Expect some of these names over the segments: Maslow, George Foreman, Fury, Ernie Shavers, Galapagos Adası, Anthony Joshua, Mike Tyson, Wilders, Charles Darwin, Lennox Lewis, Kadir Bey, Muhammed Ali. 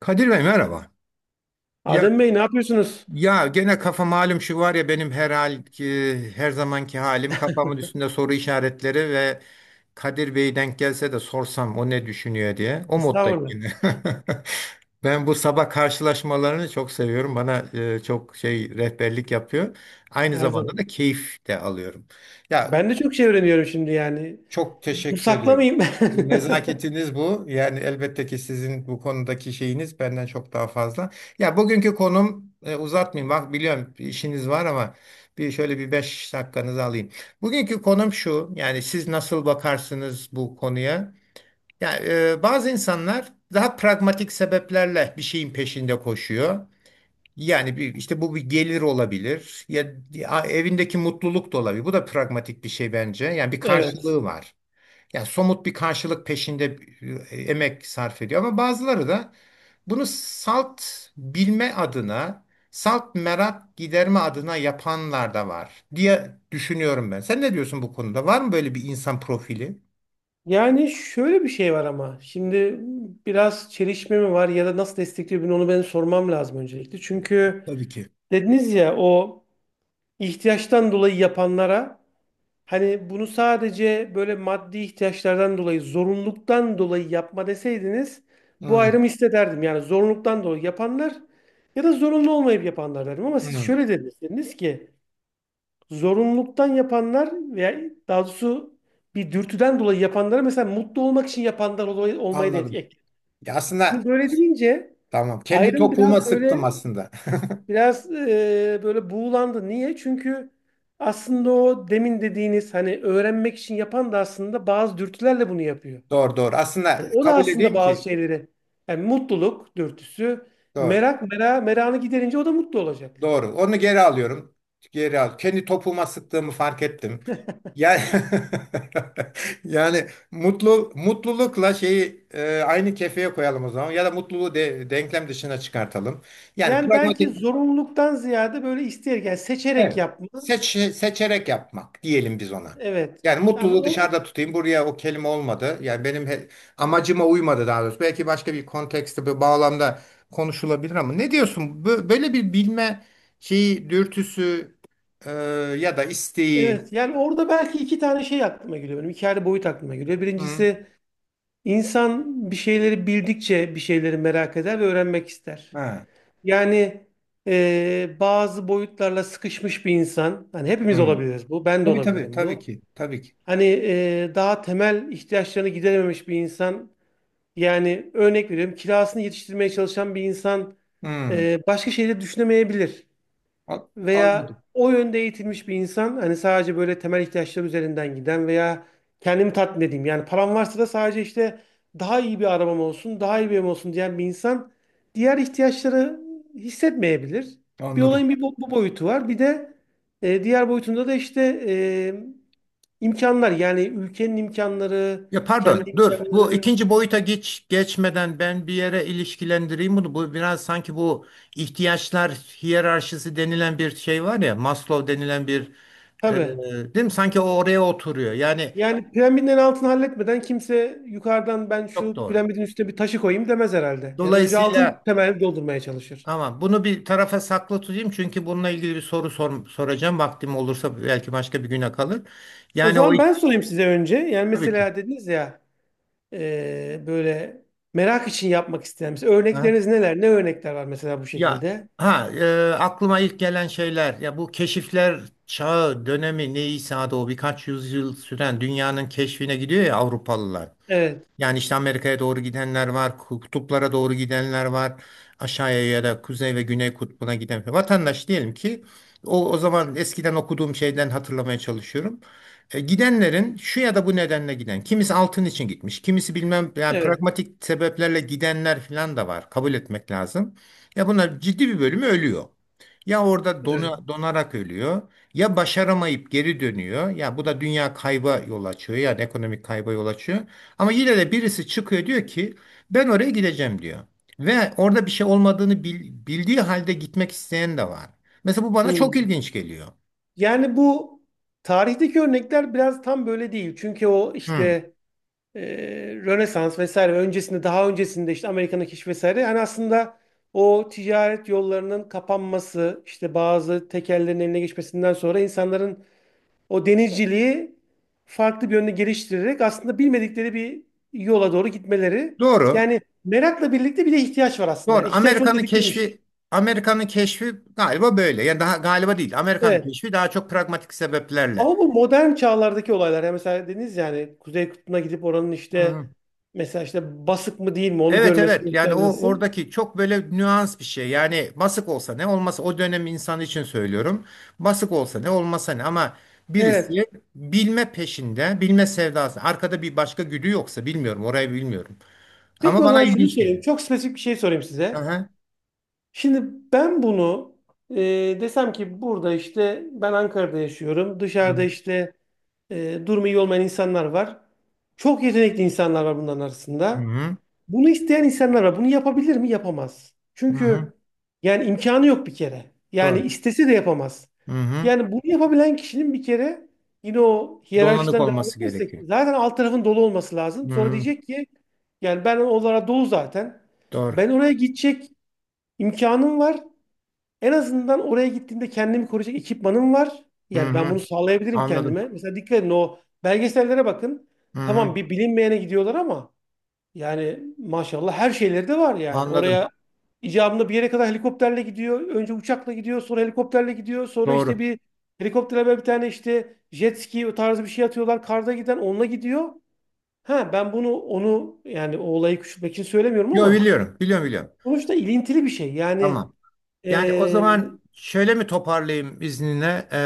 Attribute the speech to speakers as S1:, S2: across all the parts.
S1: Kadir Bey merhaba. Ya
S2: Adem Bey, ne yapıyorsunuz?
S1: ya gene kafa malum şu var ya benim her zamanki halim kafamın üstünde soru işaretleri ve Kadir Bey denk gelse de sorsam o ne düşünüyor diye. O moddayım
S2: Estağfurullah.
S1: yine. Ben bu sabah karşılaşmalarını çok seviyorum. Bana çok şey rehberlik yapıyor. Aynı
S2: Her
S1: zamanda
S2: zaman.
S1: da keyif de alıyorum. Ya,
S2: Ben de çok şey öğreniyorum şimdi yani.
S1: çok
S2: Bu
S1: teşekkür ediyorum.
S2: saklamayayım.
S1: Bu nezaketiniz bu. Yani elbette ki sizin bu konudaki şeyiniz benden çok daha fazla. Ya, bugünkü konum uzatmayayım. Bak biliyorum bir işiniz var ama bir şöyle bir beş dakikanızı alayım. Bugünkü konum şu. Yani siz nasıl bakarsınız bu konuya? Ya, bazı insanlar daha pragmatik sebeplerle bir şeyin peşinde koşuyor. Yani bir, işte bu bir gelir olabilir ya, ya evindeki mutluluk da olabilir. Bu da pragmatik bir şey bence. Yani bir
S2: Evet.
S1: karşılığı var. Yani somut bir karşılık peşinde emek sarf ediyor ama bazıları da bunu salt bilme adına, salt merak giderme adına yapanlar da var diye düşünüyorum ben. Sen ne diyorsun bu konuda? Var mı böyle bir insan profili?
S2: Yani şöyle bir şey var ama. Şimdi biraz çelişme mi var ya da nasıl destekliyor bunu, onu ben sormam lazım öncelikle. Çünkü
S1: Tabii ki.
S2: dediniz ya o ihtiyaçtan dolayı yapanlara. Hani bunu sadece böyle maddi ihtiyaçlardan dolayı, zorunluluktan dolayı yapma deseydiniz, bu
S1: Hmm,
S2: ayrımı hissederdim. Yani zorunluluktan dolayı yapanlar ya da zorunlu olmayıp yapanlar derdim. Ama siz
S1: hmm,
S2: şöyle dediniz, dediniz ki zorunluluktan yapanlar veya daha doğrusu bir dürtüden dolayı yapanlara, mesela mutlu olmak için yapanlar olmayı da
S1: anladım.
S2: ek.
S1: Ya aslında
S2: Şimdi böyle deyince
S1: tamam. Kendi
S2: ayrım
S1: topuğuma
S2: biraz
S1: sıktım
S2: böyle,
S1: aslında.
S2: biraz böyle buğulandı. Niye? Çünkü aslında o demin dediğiniz hani öğrenmek için yapan da aslında bazı dürtülerle bunu yapıyor.
S1: Doğru doğru. Aslında
S2: Yani o da
S1: kabul
S2: aslında
S1: edeyim
S2: bazı
S1: ki
S2: şeyleri, yani mutluluk dürtüsü,
S1: doğru.
S2: merak mera meranı giderince o da mutlu olacak.
S1: Doğru. Onu geri alıyorum. Geri al. Kendi topuma sıktığımı fark ettim. Yani, yani mutlulukla şeyi aynı kefeye koyalım o zaman ya da mutluluğu denklem dışına çıkartalım. Yani
S2: Yani belki
S1: pragmatik.
S2: zorunluluktan ziyade böyle isteyerek, yani seçerek
S1: Evet.
S2: yapma.
S1: Seçerek yapmak diyelim biz ona.
S2: Evet.
S1: Yani
S2: Yani
S1: mutluluğu
S2: o
S1: dışarıda tutayım. Buraya o kelime olmadı. Yani benim amacıma uymadı daha doğrusu. Belki başka bir kontekste, bir bağlamda konuşulabilir ama ne diyorsun? Böyle bir bilme şeyi, dürtüsü, e, ya da isteği.
S2: Evet, yani orada belki iki tane şey aklıma geliyor benim. İki ayrı boyut aklıma geliyor.
S1: Hı.
S2: Birincisi, insan bir şeyleri bildikçe bir şeyleri merak eder ve öğrenmek ister.
S1: Ha.
S2: Yani bazı boyutlarla sıkışmış bir insan, hani hepimiz
S1: Hı.
S2: olabiliriz bu, ben de
S1: Tabii tabii
S2: olabilirim
S1: tabii
S2: bu.
S1: ki. Tabii ki.
S2: Hani daha temel ihtiyaçlarını giderememiş bir insan, yani örnek veriyorum, kirasını yetiştirmeye çalışan bir insan
S1: Hı.
S2: başka şeyleri düşünemeyebilir
S1: A-
S2: veya
S1: Anladım.
S2: o yönde eğitilmiş bir insan, hani sadece böyle temel ihtiyaçlar üzerinden giden veya kendimi tatmin edeyim. Yani param varsa da sadece işte daha iyi bir arabam olsun, daha iyi bir evim olsun diyen bir insan diğer ihtiyaçları hissetmeyebilir. Bir
S1: Anladım.
S2: olayın bir bu boyutu var. Bir de diğer boyutunda da işte e, imkanlar, yani ülkenin imkanları,
S1: Ya pardon,
S2: kendi
S1: dur. Bu
S2: imkanları.
S1: ikinci boyuta geçmeden ben bir yere ilişkilendireyim bunu. Bu biraz sanki bu ihtiyaçlar hiyerarşisi denilen bir şey var ya, Maslow denilen bir
S2: Tabii.
S1: değil mi? Sanki o oraya oturuyor. Yani
S2: Yani piramidin en altını halletmeden kimse yukarıdan, ben
S1: çok
S2: şu
S1: doğru.
S2: piramidin üstüne bir taşı koyayım demez herhalde. Yani önce altın
S1: Dolayısıyla
S2: temelini doldurmaya çalışır.
S1: tamam bunu bir tarafa saklı tutayım çünkü bununla ilgili bir soracağım. Vaktim olursa belki başka bir güne kalır.
S2: O
S1: Yani o
S2: zaman ben sorayım size önce. Yani
S1: tabii ki.
S2: mesela dediniz ya, böyle merak için yapmak isteyen. Mesela
S1: Ha?
S2: örnekleriniz neler? Ne örnekler var mesela bu
S1: Ya
S2: şekilde?
S1: ha aklıma ilk gelen şeyler ya bu keşifler çağı dönemi neyse adı o birkaç yüzyıl süren dünyanın keşfine gidiyor ya Avrupalılar.
S2: Evet,
S1: Yani işte Amerika'ya doğru gidenler var, kutuplara doğru gidenler var, aşağıya ya da kuzey ve güney kutbuna giden. Vatandaş diyelim ki o zaman eskiden okuduğum şeyden hatırlamaya çalışıyorum. Gidenlerin şu ya da bu nedenle giden. Kimisi altın için gitmiş, kimisi bilmem yani
S2: evet,
S1: pragmatik sebeplerle gidenler falan da var. Kabul etmek lazım. Ya bunlar ciddi bir bölümü ölüyor. Ya orada
S2: evet.
S1: donarak ölüyor ya başaramayıp geri dönüyor. Ya bu da dünya kayba yol açıyor yani ekonomik kayba yol açıyor. Ama yine de birisi çıkıyor diyor ki ben oraya gideceğim diyor. Ve orada bir şey olmadığını bildiği halde gitmek isteyen de var. Mesela bu bana çok
S2: Hmm.
S1: ilginç geliyor.
S2: Yani bu tarihteki örnekler biraz tam böyle değil. Çünkü o
S1: Hı.
S2: işte e, Rönesans vesaire ve öncesinde, daha öncesinde işte Amerika'nın keşfi vesaire, hani aslında o ticaret yollarının kapanması, işte bazı tekellerin eline geçmesinden sonra insanların o denizciliği farklı bir yönde geliştirerek aslında bilmedikleri bir yola doğru gitmeleri,
S1: Doğru.
S2: yani merakla birlikte bir de ihtiyaç var aslında,
S1: Doğru.
S2: yani ihtiyaç onu
S1: Amerika'nın
S2: tetiklemiş.
S1: keşfi Amerika'nın keşfi galiba böyle. Yani daha galiba değil. Amerika'nın
S2: Evet.
S1: keşfi daha çok pragmatik sebeplerle.
S2: Ama bu modern çağlardaki olaylar, yani mesela dediniz, yani Kuzey Kutbu'na gidip oranın
S1: Hı.
S2: işte mesela işte basık mı değil mi onu
S1: Evet
S2: görmesi,
S1: evet yani o
S2: göstermesi.
S1: oradaki çok böyle nüans bir şey yani basık olsa ne olmasa o dönem insanı için söylüyorum basık olsa ne olmasa ne ama
S2: Evet.
S1: birisi bilme peşinde bilme sevdası arkada bir başka güdü yoksa bilmiyorum orayı bilmiyorum
S2: Peki,
S1: ama
S2: o
S1: bana
S2: zaman şunu
S1: ilginç geliyor.
S2: söyleyeyim. Çok spesifik bir şey sorayım
S1: Hı
S2: size.
S1: hı.
S2: Şimdi ben bunu e, desem ki, burada işte ben Ankara'da yaşıyorum. Dışarıda işte durumu iyi olmayan insanlar var. Çok yetenekli insanlar var bunların
S1: Hı
S2: arasında.
S1: hı.
S2: Bunu isteyen insanlar var. Bunu yapabilir mi? Yapamaz.
S1: Hı hı.
S2: Çünkü yani imkanı yok bir kere. Yani
S1: Doğru.
S2: istese de yapamaz.
S1: Hı hı.
S2: Yani bunu yapabilen kişinin bir kere, yine o
S1: Donanık
S2: hiyerarşiden devam
S1: olması
S2: edersek
S1: gerekiyor.
S2: zaten alt tarafın dolu olması lazım.
S1: Hı
S2: Sonra
S1: hı.
S2: diyecek ki yani ben onlara dolu zaten.
S1: Doğru.
S2: Ben oraya gidecek imkanım var. En azından oraya gittiğimde kendimi koruyacak ekipmanım var.
S1: Hı
S2: Yani ben bunu
S1: hı.
S2: sağlayabilirim
S1: Anladım.
S2: kendime. Mesela dikkat edin o belgesellere bakın.
S1: Hı
S2: Tamam,
S1: hı.
S2: bir bilinmeyene gidiyorlar ama yani maşallah her şeyleri de var yani.
S1: Anladım.
S2: Oraya icabında bir yere kadar helikopterle gidiyor. Önce uçakla gidiyor, sonra helikopterle gidiyor. Sonra işte
S1: Doğru.
S2: bir helikoptere böyle bir tane işte jet ski o tarzı bir şey atıyorlar. Karda giden onunla gidiyor. Ha, ben bunu, onu yani o olayı küçültmek için söylemiyorum
S1: Yo
S2: ama
S1: biliyorum biliyorum biliyorum.
S2: sonuçta ilintili bir şey. Yani.
S1: Tamam. Yani o zaman şöyle mi toparlayayım izninle?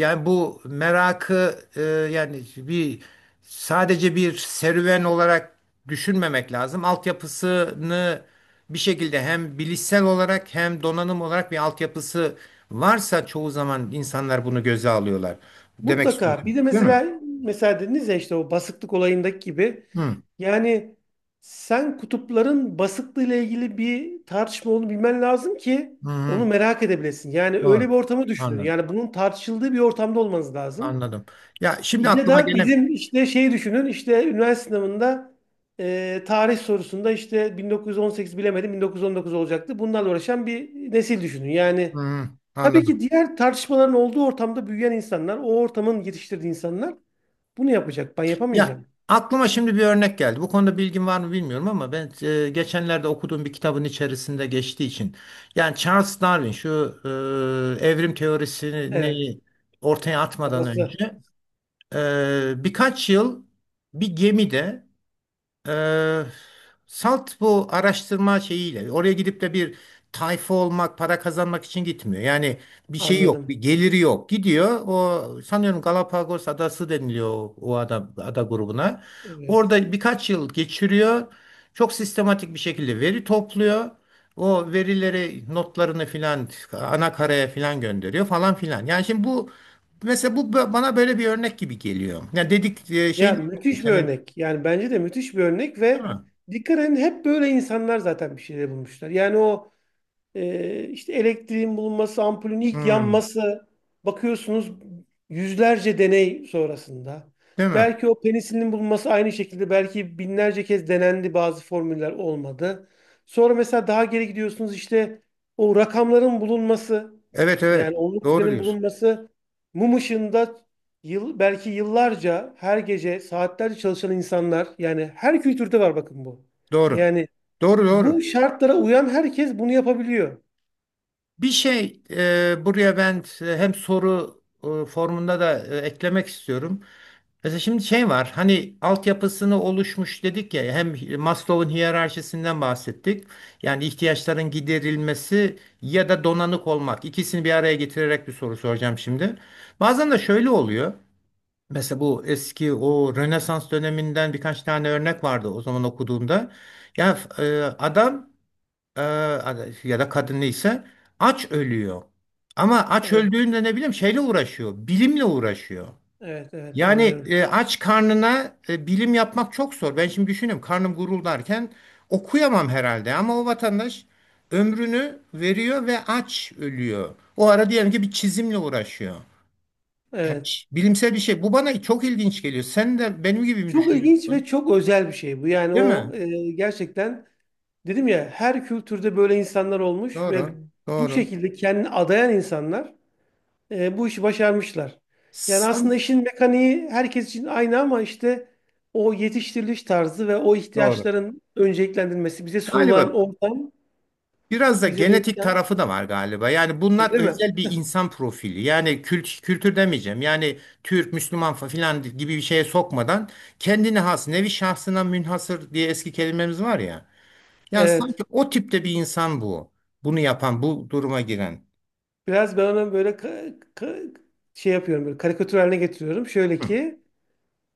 S1: Yani bu merakı yani bir sadece bir serüven olarak düşünmemek lazım. Altyapısını bir şekilde hem bilişsel olarak hem donanım olarak bir altyapısı varsa çoğu zaman insanlar bunu göze alıyorlar. Demek
S2: Mutlaka. Bir
S1: istiyorsun,
S2: de
S1: değil mi?
S2: mesela dediniz ya işte o basıklık olayındaki gibi,
S1: Hı,
S2: yani sen kutupların basıklığıyla ilgili bir tartışma olduğunu bilmen lazım ki
S1: hı, hı.
S2: onu merak edebilesin. Yani öyle
S1: Doğru.
S2: bir ortamı düşünün.
S1: Anladım.
S2: Yani bunun tartışıldığı bir ortamda olmanız lazım.
S1: Anladım. Ya şimdi
S2: Ya
S1: aklıma
S2: da
S1: gelen
S2: bizim işte şey düşünün, işte üniversite sınavında tarih sorusunda işte 1918 bilemedim 1919 olacaktı. Bunlarla uğraşan bir nesil düşünün. Yani.
S1: hı,
S2: Tabii
S1: anladım.
S2: ki diğer tartışmaların olduğu ortamda büyüyen insanlar, o ortamın yetiştirdiği insanlar bunu yapacak. Ben
S1: Ya
S2: yapamayacağım.
S1: aklıma şimdi bir örnek geldi. Bu konuda bilgin var mı bilmiyorum ama ben geçenlerde okuduğum bir kitabın içerisinde geçtiği için yani Charles Darwin şu evrim
S2: Evet.
S1: teorisini ortaya atmadan
S2: Babası.
S1: önce birkaç yıl bir gemide ee, salt bu araştırma şeyiyle oraya gidip de bir tayfa olmak, para kazanmak için gitmiyor. Yani bir şey yok,
S2: Anladım.
S1: bir geliri yok. Gidiyor. O sanıyorum Galapagos Adası deniliyor o ada, ada grubuna.
S2: Evet.
S1: Orada birkaç yıl geçiriyor. Çok sistematik bir şekilde veri topluyor. O verileri, notlarını filan ana karaya filan gönderiyor falan filan. Yani şimdi bu mesela bu bana böyle bir örnek gibi geliyor. Yani dedik
S2: Ya
S1: şeyin
S2: müthiş bir
S1: senin
S2: örnek. Yani bence de müthiş bir örnek
S1: değil
S2: ve
S1: mi?
S2: dikkat edin, hep böyle insanlar zaten bir şeyler bulmuşlar. Yani o. İşte elektriğin bulunması, ampulün ilk
S1: Hmm.
S2: yanması, bakıyorsunuz yüzlerce deney sonrasında.
S1: Değil mi?
S2: Belki o penisilinin bulunması aynı şekilde, belki binlerce kez denendi, bazı formüller olmadı. Sonra mesela daha geri gidiyorsunuz işte o rakamların bulunması,
S1: Evet evet.
S2: yani onluk
S1: Doğru
S2: düzenin
S1: diyorsun.
S2: bulunması, mum ışığında yıl, belki yıllarca her gece saatlerce çalışan insanlar, yani her kültürde var bakın bu.
S1: Doğru.
S2: Yani
S1: Doğru
S2: bu
S1: doğru.
S2: şartlara uyan herkes bunu yapabiliyor.
S1: Bir şey buraya ben hem soru formunda da eklemek istiyorum. Mesela şimdi şey var hani altyapısını oluşmuş dedik ya hem Maslow'un hiyerarşisinden bahsettik. Yani ihtiyaçların giderilmesi ya da donanık olmak ikisini bir araya getirerek bir soru soracağım şimdi. Bazen de şöyle oluyor. Mesela bu eski o Rönesans döneminden birkaç tane örnek vardı o zaman okuduğumda. Ya adam e, ya da kadın neyse aç ölüyor. Ama aç
S2: Evet,
S1: öldüğünde ne bileyim şeyle uğraşıyor, bilimle uğraşıyor.
S2: evet, evet,
S1: Yani
S2: anlıyorum.
S1: aç karnına bilim yapmak çok zor. Ben şimdi düşünüyorum karnım guruldarken okuyamam herhalde ama o vatandaş ömrünü veriyor ve aç ölüyor. O ara diyelim ki bir çizimle uğraşıyor. Yani
S2: Evet.
S1: bilimsel bir şey. Bu bana çok ilginç geliyor. Sen de benim gibi mi
S2: Çok ilginç ve
S1: düşünüyorsun?
S2: çok özel bir şey bu. Yani
S1: Değil
S2: o
S1: mi?
S2: gerçekten dedim ya her kültürde böyle insanlar olmuş ve
S1: Doğru.
S2: bu
S1: Doğru.
S2: şekilde kendini adayan insanlar bu işi başarmışlar. Yani aslında
S1: Sen,
S2: işin mekaniği herkes için aynı ama işte o yetiştiriliş tarzı ve o
S1: doğru.
S2: ihtiyaçların önceliklendirilmesi, bize sunulan
S1: Galiba
S2: ortam,
S1: biraz da
S2: bize bu
S1: genetik
S2: imkan,
S1: tarafı da var galiba. Yani bunlar
S2: öyle mi?
S1: özel bir insan profili. Yani kültür demeyeceğim. Yani Türk, Müslüman falan gibi bir şeye sokmadan kendine has, nevi şahsına münhasır diye eski kelimemiz var ya. Yani sanki
S2: Evet.
S1: o tipte bir insan bu. Bunu yapan, bu duruma giren.
S2: Biraz ben ona böyle şey yapıyorum, böyle karikatür haline getiriyorum. Şöyle
S1: Hı
S2: ki,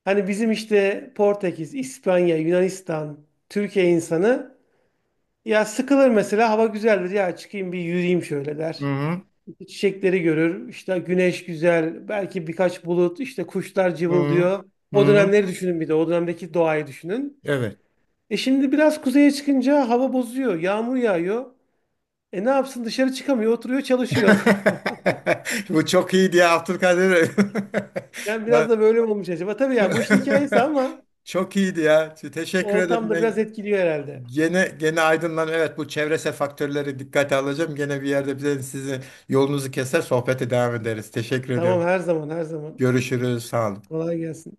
S2: hani bizim işte Portekiz, İspanya, Yunanistan, Türkiye insanı ya sıkılır, mesela hava güzeldir ya, çıkayım bir yürüyeyim şöyle der.
S1: hı.
S2: İşte çiçekleri görür, işte güneş güzel, belki birkaç bulut, işte kuşlar
S1: Hı hı.
S2: cıvıldıyor.
S1: Hı.
S2: O
S1: Hı.
S2: dönemleri düşünün, bir de o dönemdeki doğayı düşünün.
S1: Evet.
S2: E şimdi biraz kuzeye çıkınca hava bozuyor, yağmur yağıyor. E ne yapsın, dışarı çıkamıyor, oturuyor, çalışıyor.
S1: Bu çok iyi diye, Abdülkadir.
S2: Yani biraz da böyle mi olmuş acaba. Tabii yani bu işin hikayesi ama
S1: Çok teşekkür ederim.
S2: ortamda biraz
S1: Ben
S2: etkiliyor herhalde.
S1: gene ben evet faktörleri dikkate alacağım. Gene bir yerde bize sizin yolunuzu keser sohbete devam ederiz. Teşekkür
S2: Tamam,
S1: ediyorum.
S2: her zaman, her zaman.
S1: Görüşürüz. Sağ olun.
S2: Kolay gelsin.